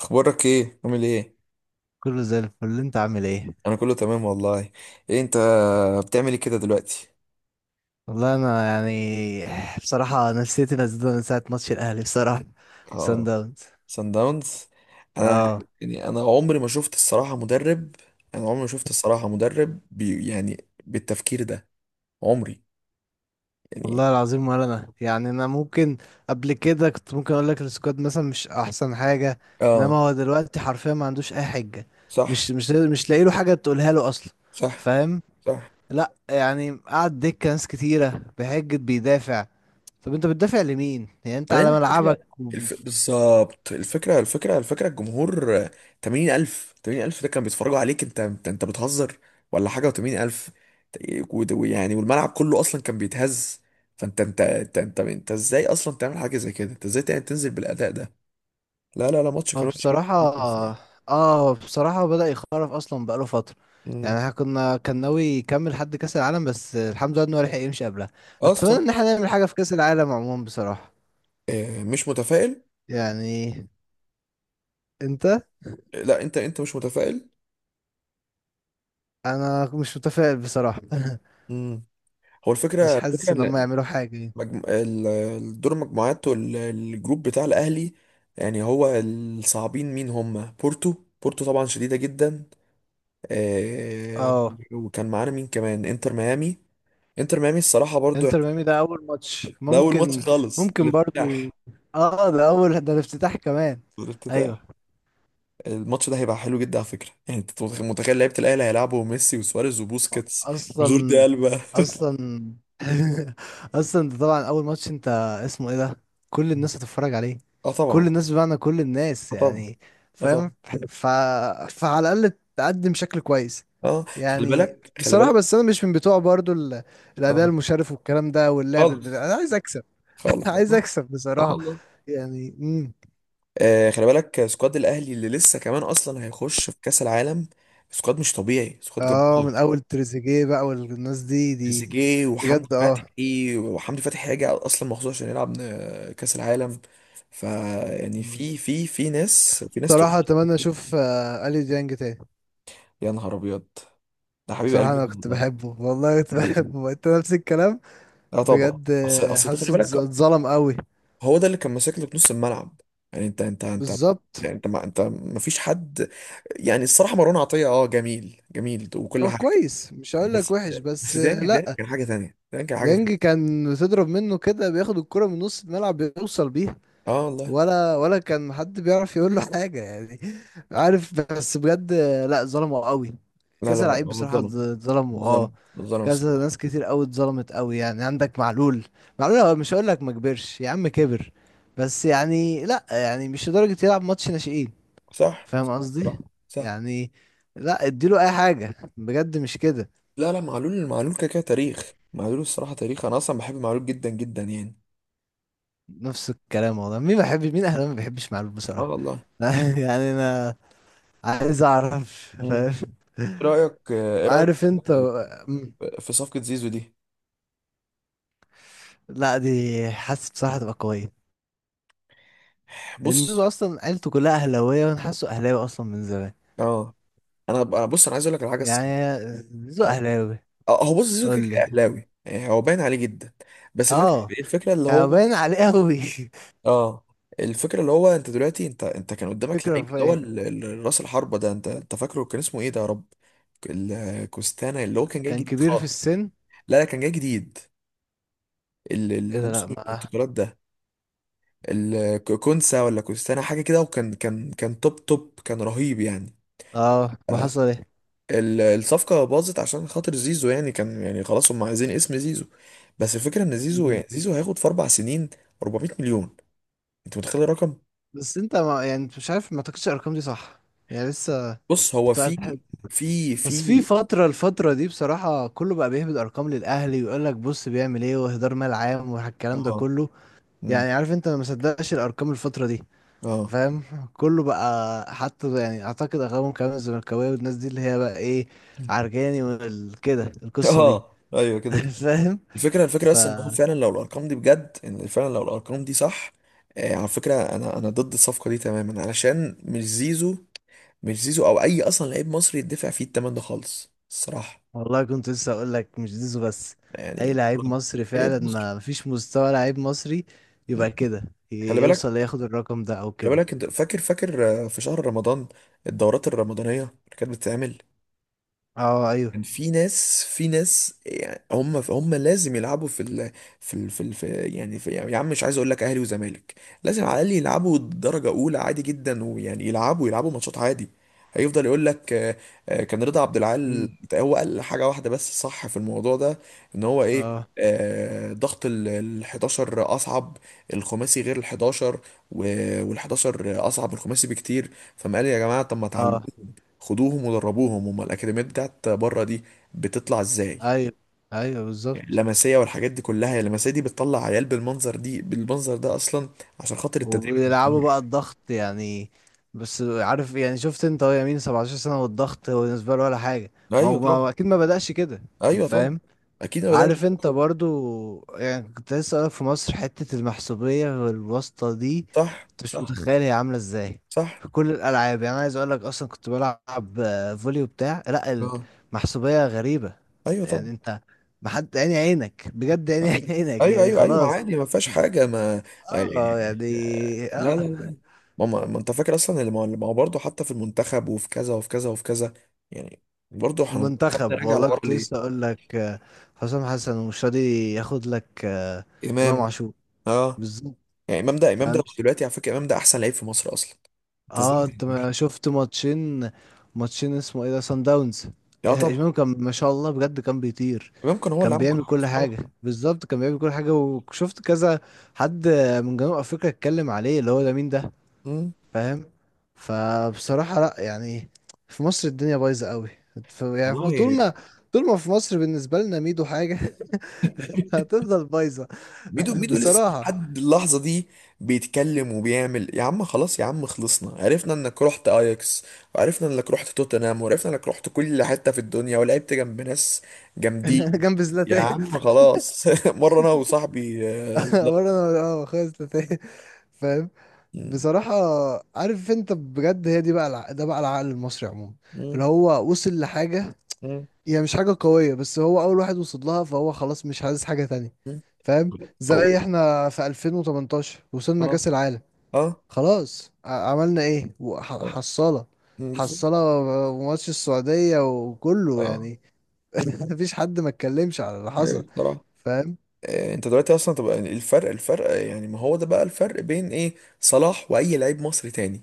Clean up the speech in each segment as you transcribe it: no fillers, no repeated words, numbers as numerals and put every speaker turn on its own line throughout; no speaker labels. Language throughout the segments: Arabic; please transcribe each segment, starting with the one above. اخبارك ايه؟ عامل ايه؟
كله زي الفل، انت عامل ايه؟
انا كله تمام والله. ايه انت؟ بتعمل ايه كده دلوقتي؟
والله انا يعني بصراحه نفسيتي نزلت من ساعه ماتش الاهلي، بصراحه سان
اه.
داونز.
سان داونز. انا،
اه
يعني، انا عمري ما شفت الصراحه مدرب، انا عمري ما شفت الصراحه مدرب بي، يعني، بالتفكير ده. عمري، يعني.
والله العظيم. ولا انا يعني انا ممكن قبل كده كنت ممكن اقول لك السكواد مثلا مش احسن حاجه، انما
اه،
هو دلوقتي حرفيا ما عندوش اي حجه.
صح،
مش لاقي له حاجه تقولها له اصلا،
صح،
فاهم؟
صح.
لا يعني قعد دكه ناس كتيره بحجه بيدافع. طب انت بتدافع لمين يعني؟ انت
بعدين
على ملعبك.
الفكرة، بالظبط، الفكرة، الجمهور، 80,000، 80,000 ده كان بيتفرجوا عليك. انت بتهزر ولا حاجة؟ و80,000، ويعني والملعب كله اصلا كان بيتهز. فانت، انت ازاي اصلا تعمل حاجة زي كده؟ انت ازاي تنزل بالاداء ده؟ لا، لا، لا، ماتش
هو
كان وحش جدا
بصراحة،
جدا الصراحة.
اه بصراحة، بدأ يخرف أصلا بقاله فترة.
مم.
يعني احنا كنا كان ناوي يكمل حد كأس العالم، بس الحمد لله إنه هو لحق يمشي قبلها.
اه،
أتمنى
الصراحة.
إن احنا نعمل حاجة في كأس العالم عموما بصراحة.
آه، مش متفائل.
يعني أنت،
آه، لا، انت مش متفائل.
أنا مش متفائل بصراحة.
مم. هو
مش
الفكرة
حاسس
الفكرة
إن هم يعملوا حاجة يعني.
الدور المجموعات والجروب بتاع الأهلي، يعني هو الصعبين مين؟ هم بورتو. بورتو طبعا شديدة جدا. آه.
اه،
وكان معانا مين كمان؟ انتر ميامي. انتر ميامي الصراحة برضو،
انتر
يعني
ميامي ده أول ماتش
ده أول ماتش
ممكن.
خالص،
ممكن برضو.
الافتتاح.
اه، ده أول، ده الافتتاح كمان. أيوه.
الافتتاح، الماتش ده هيبقى حلو جدا على فكرة. يعني انت متخيل لعيبة الأهلي هيلعبوا ميسي وسواريز وبوسكيتس وجوردي
اصلا،
ألبا؟
اصلا، اصلا ده طبعا اول ماتش. انت اسمه ايه ده؟ كل الناس هتتفرج عليه.
اه
كل
طبعا.
الناس بمعنى كل الناس
اه طبعا.
يعني،
اه
فاهم؟
طبعا.
ف... فعلى الاقل تقدم شكل كويس
اه، خلي
يعني.
بالك خلي
بصراحة
بالك.
بس انا مش من بتوع برضو الاداء
اه،
المشرف والكلام ده واللعب البتاع.
خالص.
انا عايز اكسب.
خالص،
عايز
اه.
اكسب
آه
بصراحة.
والله.
يعني
آه، خلي بالك، سكواد الاهلي اللي لسه كمان اصلا هيخش في كاس العالم، سكواد مش طبيعي، سكواد
اه من
جبار.
اول تريزيجيه بقى والناس دي.
تريزيجيه
بجد
وحمدي
اه.
فتحي، وحمدي فتحي هيجي اصلا مخصوص عشان يلعب كاس العالم. فيعني
مم.
في في في ناس، في ناس تقول.
بصراحة اتمنى اشوف اليو ديانج تاني.
يا نهار ابيض، ده حبيب
بصراحة
قلبي
أنا
ده
كنت
والله.
بحبه والله، كنت
حبيب قلبي.
بحبه. أنت نفس الكلام.
اه طبعا.
بجد
اصل اصل ده، خلي
حاسه
بالك،
اتظلم قوي.
هو ده اللي كان ماسك لك نص الملعب. يعني انت،
بالظبط.
يعني انت ما، انت ما فيش حد. يعني الصراحه مروان عطيه، اه، جميل جميل وكل
هو
حاجه،
كويس مش هقول لك
بس.
وحش، بس
بس ديانج، ديانج
لا.
كان حاجه تانيه، ديانج كان حاجه
ديانج
تانيه.
كان تضرب منه كده، بياخد الكرة من نص الملعب بيوصل بيها.
اه والله.
ولا كان حد بيعرف يقول له حاجة يعني. عارف، بس بجد لا، ظلمه قوي.
لا، لا،
كذا
لا،
لعيب
هو
بصراحة
اتظلم.
اتظلموا اه.
اتظلم، اتظلم
كذا
الصراحه.
ناس كتير قوي اتظلمت قوي يعني. عندك معلول، معلول هو مش هقول لك ما كبرش، يا عم كبر، بس يعني لا يعني مش لدرجة يلعب ماتش ناشئين.
صح،
فاهم قصدي؟
صح، صح.
يعني لا، اديله اي حاجة بجد مش كده.
لا، لا، معلول، معلول كده كده تاريخ، معلول الصراحه تاريخ، انا اصلا بحب معلول جدا جدا، يعني.
نفس الكلام والله. مين ما بيحبش، مين اهلا ما بيحبش معلول
اه
بصراحة؟
والله.
يعني انا عايز اعرف،
مم.
فاهم؟
ايه رايك، ايه رايك
عارف انت. مم.
في صفقه زيزو دي؟
لا دي حاسس بصراحة تبقى قوية، لأن زيزو
بص،
أصلا عيلته كلها أهلاوية، وأنا حاسه أهلاوي أصلا من زمان.
اه، بص، انا عايز اقول لك على حاجه الصراحه.
يعني زيزو
أنا-
أهلاوي.
اه، هو، بص، زيزو كده
قول
كده
لي.
اهلاوي، يعني هو باين عليه جدا. بس الفكره
اه،
الفكره اللي
يعني
هو،
باين عليه أوي.
اه، الفكره اللي هو، انت دلوقتي، انت كان قدامك
فكرة
لعيب،
في
اللي هو
إيه؟
راس الحربه ده، انت فاكره كان اسمه ايه ده يا رب؟ الكوستانا اللي هو كان جاي
كان
جديد
كبير في
خالص.
السن.
لا، لا، كان جاي جديد اللي
إيه ده، لا
موسم
ما.
الانتقالات ده. الكونسا، ولا كوستانا، حاجه كده، وكان كان كان توب توب، كان رهيب يعني.
اه،
آه.
وحصل إيه؟
الصفقه باظت عشان خاطر زيزو، يعني كان، يعني خلاص هم عايزين اسم زيزو. بس الفكره ان زيزو، يعني
مم.
زيزو هياخد في 4 سنين 400 مليون. انت متخيل الرقم؟
بس أنت ما يعني أنت مش عارف، ما تاخدش الأرقام دي صح يعني، لسه
بص، هو
بتاعت
في،
حد.
في
بس في
في
فترة، الفترة دي بصراحة كله بقى بيهبد أرقام للأهلي ويقول لك بص بيعمل إيه وإهدار مال عام والكلام ده
اه.
كله.
مم.
يعني عارف انت، انا ما مصدقش الارقام الفتره دي،
اه.
فاهم؟ كله بقى حتى يعني اعتقد اغلبهم كمان الزملكاويه والناس دي اللي هي بقى ايه،
مم.
عرجاني وكده القصه دي.
اه، ايوه، كده كده.
فاهم؟
الفكره
ف
بس، ان هو فعلا لو الارقام دي بجد، ان فعلا لو الارقام دي صح. آه، على فكره، انا ضد الصفقه دي تماما، علشان مش زيزو. مش زيزو او اي اصلا لعيب مصري يدفع فيه الثمن ده خالص الصراحه.
والله كنت لسه اقول لك مش زيزو بس، اي
يعني
لعيب مصري فعلا.
لعيب مصري.
ما فيش مستوى لعيب مصري
مم.
يبقى كده
خلي بالك،
يوصل ياخد الرقم ده او
خلي
كده.
بالك، انت فاكر، فاكر في شهر رمضان الدورات الرمضانيه اللي كانت بتتعمل،
اه ايوه.
كان في ناس، في ناس، يعني، هم لازم يلعبوا في ال، في ال، يعني في، يعني، يا عم، مش عايز اقول لك اهلي وزمالك، لازم على الاقل يلعبوا درجه اولى عادي جدا، ويعني يلعبوا، يلعبوا ماتشات عادي. هيفضل يقول لك، آه، كان رضا عبد العال
مم.
هو قال حاجه واحده بس صح في الموضوع ده، ان هو ايه،
اه
آه، ضغط ال 11 اصعب، الخماسي غير ال 11، وال 11 اصعب من الخماسي بكتير. فما قال يا جماعه، طب ما تعلموا،
اه.
خدوهم ودربوهم. هم الاكاديميات بتاعت بره دي بتطلع ازاي؟
ايوه ايوه.
يعني
بالظبط.
لمسيه والحاجات دي كلها، هي اللمسيه دي بتطلع عيال بالمنظر دي، بالمنظر ده اصلا، عشان خاطر التدريب
وبيلعبوا
المستمر.
بقى الضغط يعني. بس عارف يعني، شفت انت هو يمين 17 سنة والضغط هو بالنسبة له ولا حاجة. ما هو
ايوه
ما
طبعا.
هو اكيد ما بدأش كده،
ايوه طبعا.
فاهم؟
اكيد ما بداش.
عارف انت برضو يعني. كنت لسه اقولك في مصر حتة المحسوبية والواسطة دي،
صح،
انت مش
صح،
متخيل هي عاملة ازاي
صح.
في كل الالعاب يعني. أنا عايز اقولك اصلا كنت بلعب فولي وبتاع، لا
اه،
المحسوبية غريبة
ايوه طبعا.
يعني. انت محد عيني عينك بجد، عيني
صح.
عينك
ايوه،
يعني
ايوه، ايوه،
خلاص.
عادي، ما فيهاش حاجه، ما
اه
يعني.
يعني،
لا، لا،
اه.
لا، ما انت فاكر اصلا اللي ما، اللي ما هو برضه حتى في المنتخب، وفي كذا، وفي كذا، وفي كذا، يعني، برضه احنا خدنا
المنتخب
راجع
والله
لورا
كنت لسه
ليه.
اقول لك حسام حسن ومش راضي ياخد لك امام
امام.
عاشور،
اه،
بالظبط.
يعني امام ده، امام ده، هو
فمش،
دلوقتي على فكره امام ده احسن لعيب في مصر اصلا. انت ازاي ما
اه انت
تعرفوش؟
ما شفت ماتشين؟ ماتشين اسمه ايه ده، سان داونز.
لا طبعا.
امام كان ما شاء الله بجد كان بيطير،
امام كان هو اللي
كان
عمل كل
بيعمل
حاجه في
كل
الملعب.
حاجه، بالظبط كان بيعمل كل حاجه. وشفت كذا حد من جنوب افريقيا اتكلم عليه اللي هو ده مين ده،
مم.
فاهم؟ فبصراحة لا يعني في مصر الدنيا بايظة قوي. يعني في طول
والله،
ما، طول ما في مصر بالنسبة لنا ميدو حاجة هتفضل بايظة.
ميدو، ميدو لسه
بصراحة.
لحد اللحظه دي بيتكلم وبيعمل. يا عم خلاص، يا عم، خلصنا، عرفنا انك رحت اياكس، وعرفنا انك رحت توتنهام، وعرفنا انك رحت كل حته في الدنيا ولعبت جنب ناس جامدين.
جنب
يا
زلاتان.
عم خلاص. مره انا وصاحبي، لا.
ورا انا اه خالص زلاتان. فاهم؟
مم.
بصراحة عارف انت بجد، هي دي بقى ده بقى العقل المصري عموما
مم.
اللي هو وصل لحاجة.
مم.
هي مش حاجة قوية، بس هو أول واحد وصل لها، فهو خلاص مش عايز حاجة تانية،
مم.
فاهم؟ زي
او.
احنا في 2018 وصلنا
اه.
كأس العالم،
اه.
خلاص عملنا ايه؟
اه.
حصالة،
مم، بالظبط.
حصالة، وماتش السعودية وكله
اه،
يعني. مفيش حد ما اتكلمش على اللي حصل،
ايوه بصراحه.
فاهم؟
انت دلوقتي اصلا تبقى الفرق، يعني ما هو ده بقى الفرق بين ايه صلاح واي لعيب مصري تاني.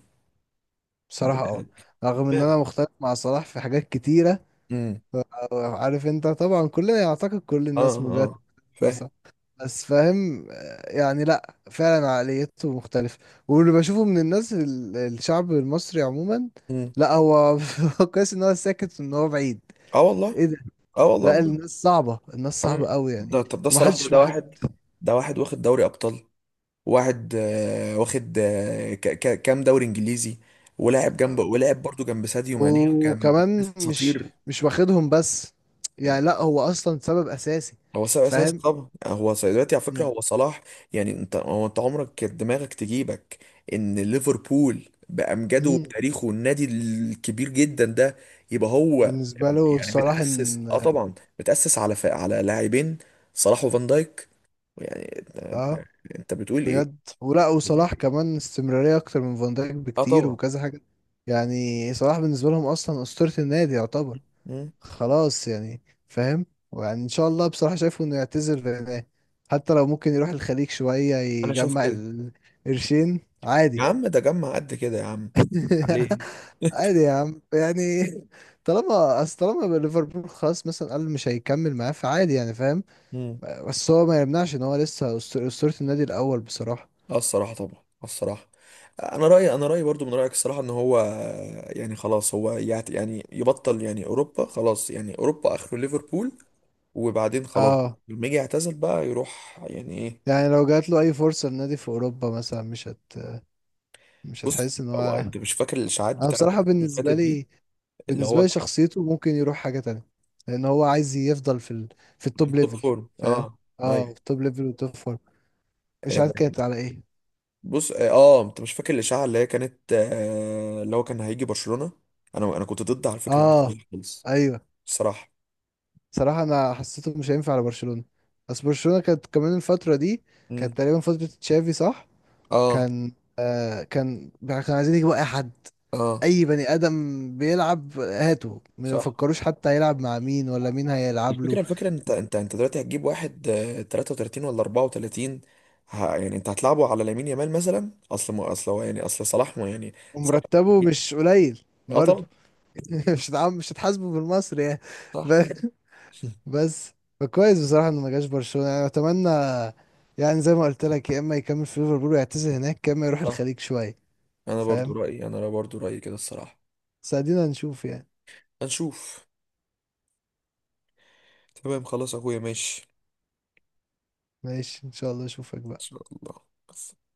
بصراحة اه، رغم ان انا
امبارح.
مختلف مع صلاح في حاجات كتيرة.
امم
عارف انت طبعا، كلنا يعتقد كل
اه.
الناس مديرة
اه. فاهم.
ناسا، بس فاهم يعني لا فعلا عقليته مختلفة. واللي بشوفه من الناس الشعب المصري عموما،
امم
لا هو هو كويس ان هو ساكت وان هو بعيد.
اه والله.
ايه ده؟
اه والله
لا
بجد.
الناس صعبة، الناس
عم،
صعبة قوي يعني.
ده، طب ده صلاح، ده
ومحدش،
ده
محد.
واحد. ده واحد واخد دوري ابطال. واحد، آه، واخد، آه، كام دوري انجليزي، ولاعب جنب، ولاعب برضو جنب ساديو ماني، وجنب ناس
وكمان مش،
اساطير
مش واخدهم بس يعني.
يعني.
لا هو اصلا سبب اساسي،
هو سبب اساسي
فاهم
طبعا، يعني هو دلوقتي على فكره
يعني.
هو صلاح. يعني انت، انت عمرك كانت دماغك تجيبك ان ليفربول بامجاده
مم.
وبتاريخه النادي الكبير جدا ده يبقى هو،
بالنسبة له
يعني
صلاح
متاسس؟
ان
اه طبعا، متاسس على لاعبين، صلاح وفان دايك، يعني انت.
اه،
أنت بتقول ايه؟
بجد. ولا
بتقول
وصلاح
إيه؟
كمان استمرارية أكتر من فان دايك
اه
بكتير
طبعا.
وكذا حاجة. يعني صلاح بالنسبة لهم أصلا أسطورة النادي يعتبر،
مم.
خلاص يعني، فاهم؟ ويعني إن شاء الله بصراحة شايفه إنه يعتزل في النهاية. حتى لو ممكن يروح الخليج شوية
انا شايف
يجمع
كده.
القرشين،
يا
عادي.
عم، ده جمع قد كده، يا عم، عليه.
عادي يا عم يعني، طالما أصل، طالما ليفربول خلاص مثلا قال مش هيكمل معاه، فعادي يعني فاهم. بس هو ما يمنعش إن هو لسه أسطورة النادي الأول بصراحة.
اه الصراحة طبعا. آه الصراحة. انا رأيي برضو من رأيك الصراحة، ان هو، يعني خلاص هو يعني يبطل، يعني اوروبا خلاص، يعني اوروبا اخره ليفربول، وبعدين خلاص.
اه
لما يجي يعتزل بقى يروح، يعني، ايه؟
يعني لو جات له اي فرصه لنادي في اوروبا مثلا، مش هت، مش
بص،
هتحس ان
هو،
هو.
انت مش فاكر الاشاعات
انا
بتاعت
بصراحه
الفترة اللي فاتت
بالنسبه
دي،
لي،
اللي
بالنسبه
هو
لي
كان
شخصيته ممكن يروح حاجه تانية، لان هو عايز يفضل في
في
التوب
التوب
ليفل،
فورم،
فاهم؟
اه.
اه، في
ايوه.
التوب ليفل والتوب فور. مش
آه.
عارف كانت على ايه.
بص، اه، آه، انت مش فاكر الاشاعة اللي هي كانت، آه، اللي هو كان هيجي برشلونة؟ انا كنت ضد على الفكرة
اه
دي خالص
ايوه.
الصراحة.
صراحه انا حسيته مش هينفع على برشلونه، بس برشلونه كانت كمان الفتره دي
امم
كانت تقريبا فتره تشافي صح،
اه.
كان آه كان عايزين يجيبوا اي حد،
اه.
اي بني ادم بيلعب هاته، ما
صح.
يفكروش حتى هيلعب مع مين ولا مين هيلعب
الفكرة
له.
الفكرة انت دلوقتي هتجيب واحد 33 ولا 34. يعني انت هتلعبه على لامين يامال مثلا؟ اصل ما، اصل هو، يعني، اصل صلاح، ما، يعني صلاح،
ومرتبه مش قليل
اه
برضه.
طبعا.
مش هتعم، مش هتحاسبه بالمصري يعني.
صح.
ب- بس، فكويس بصراحه انه ما جاش برشلونه، يعني اتمنى يعني. زي ما قلت لك، يا اما يكمل في ليفربول ويعتزل هناك، يا اما يروح
صح.
الخليج شويه،
انا برضو
فاهم؟
رأيي انا برضو رأيي كده الصراحة.
بس ادينا نشوف يعني.
هنشوف. تمام، خلاص يا اخويا، ماشي ان
ماشي ان شاء الله اشوفك بقى.
شاء الله بس.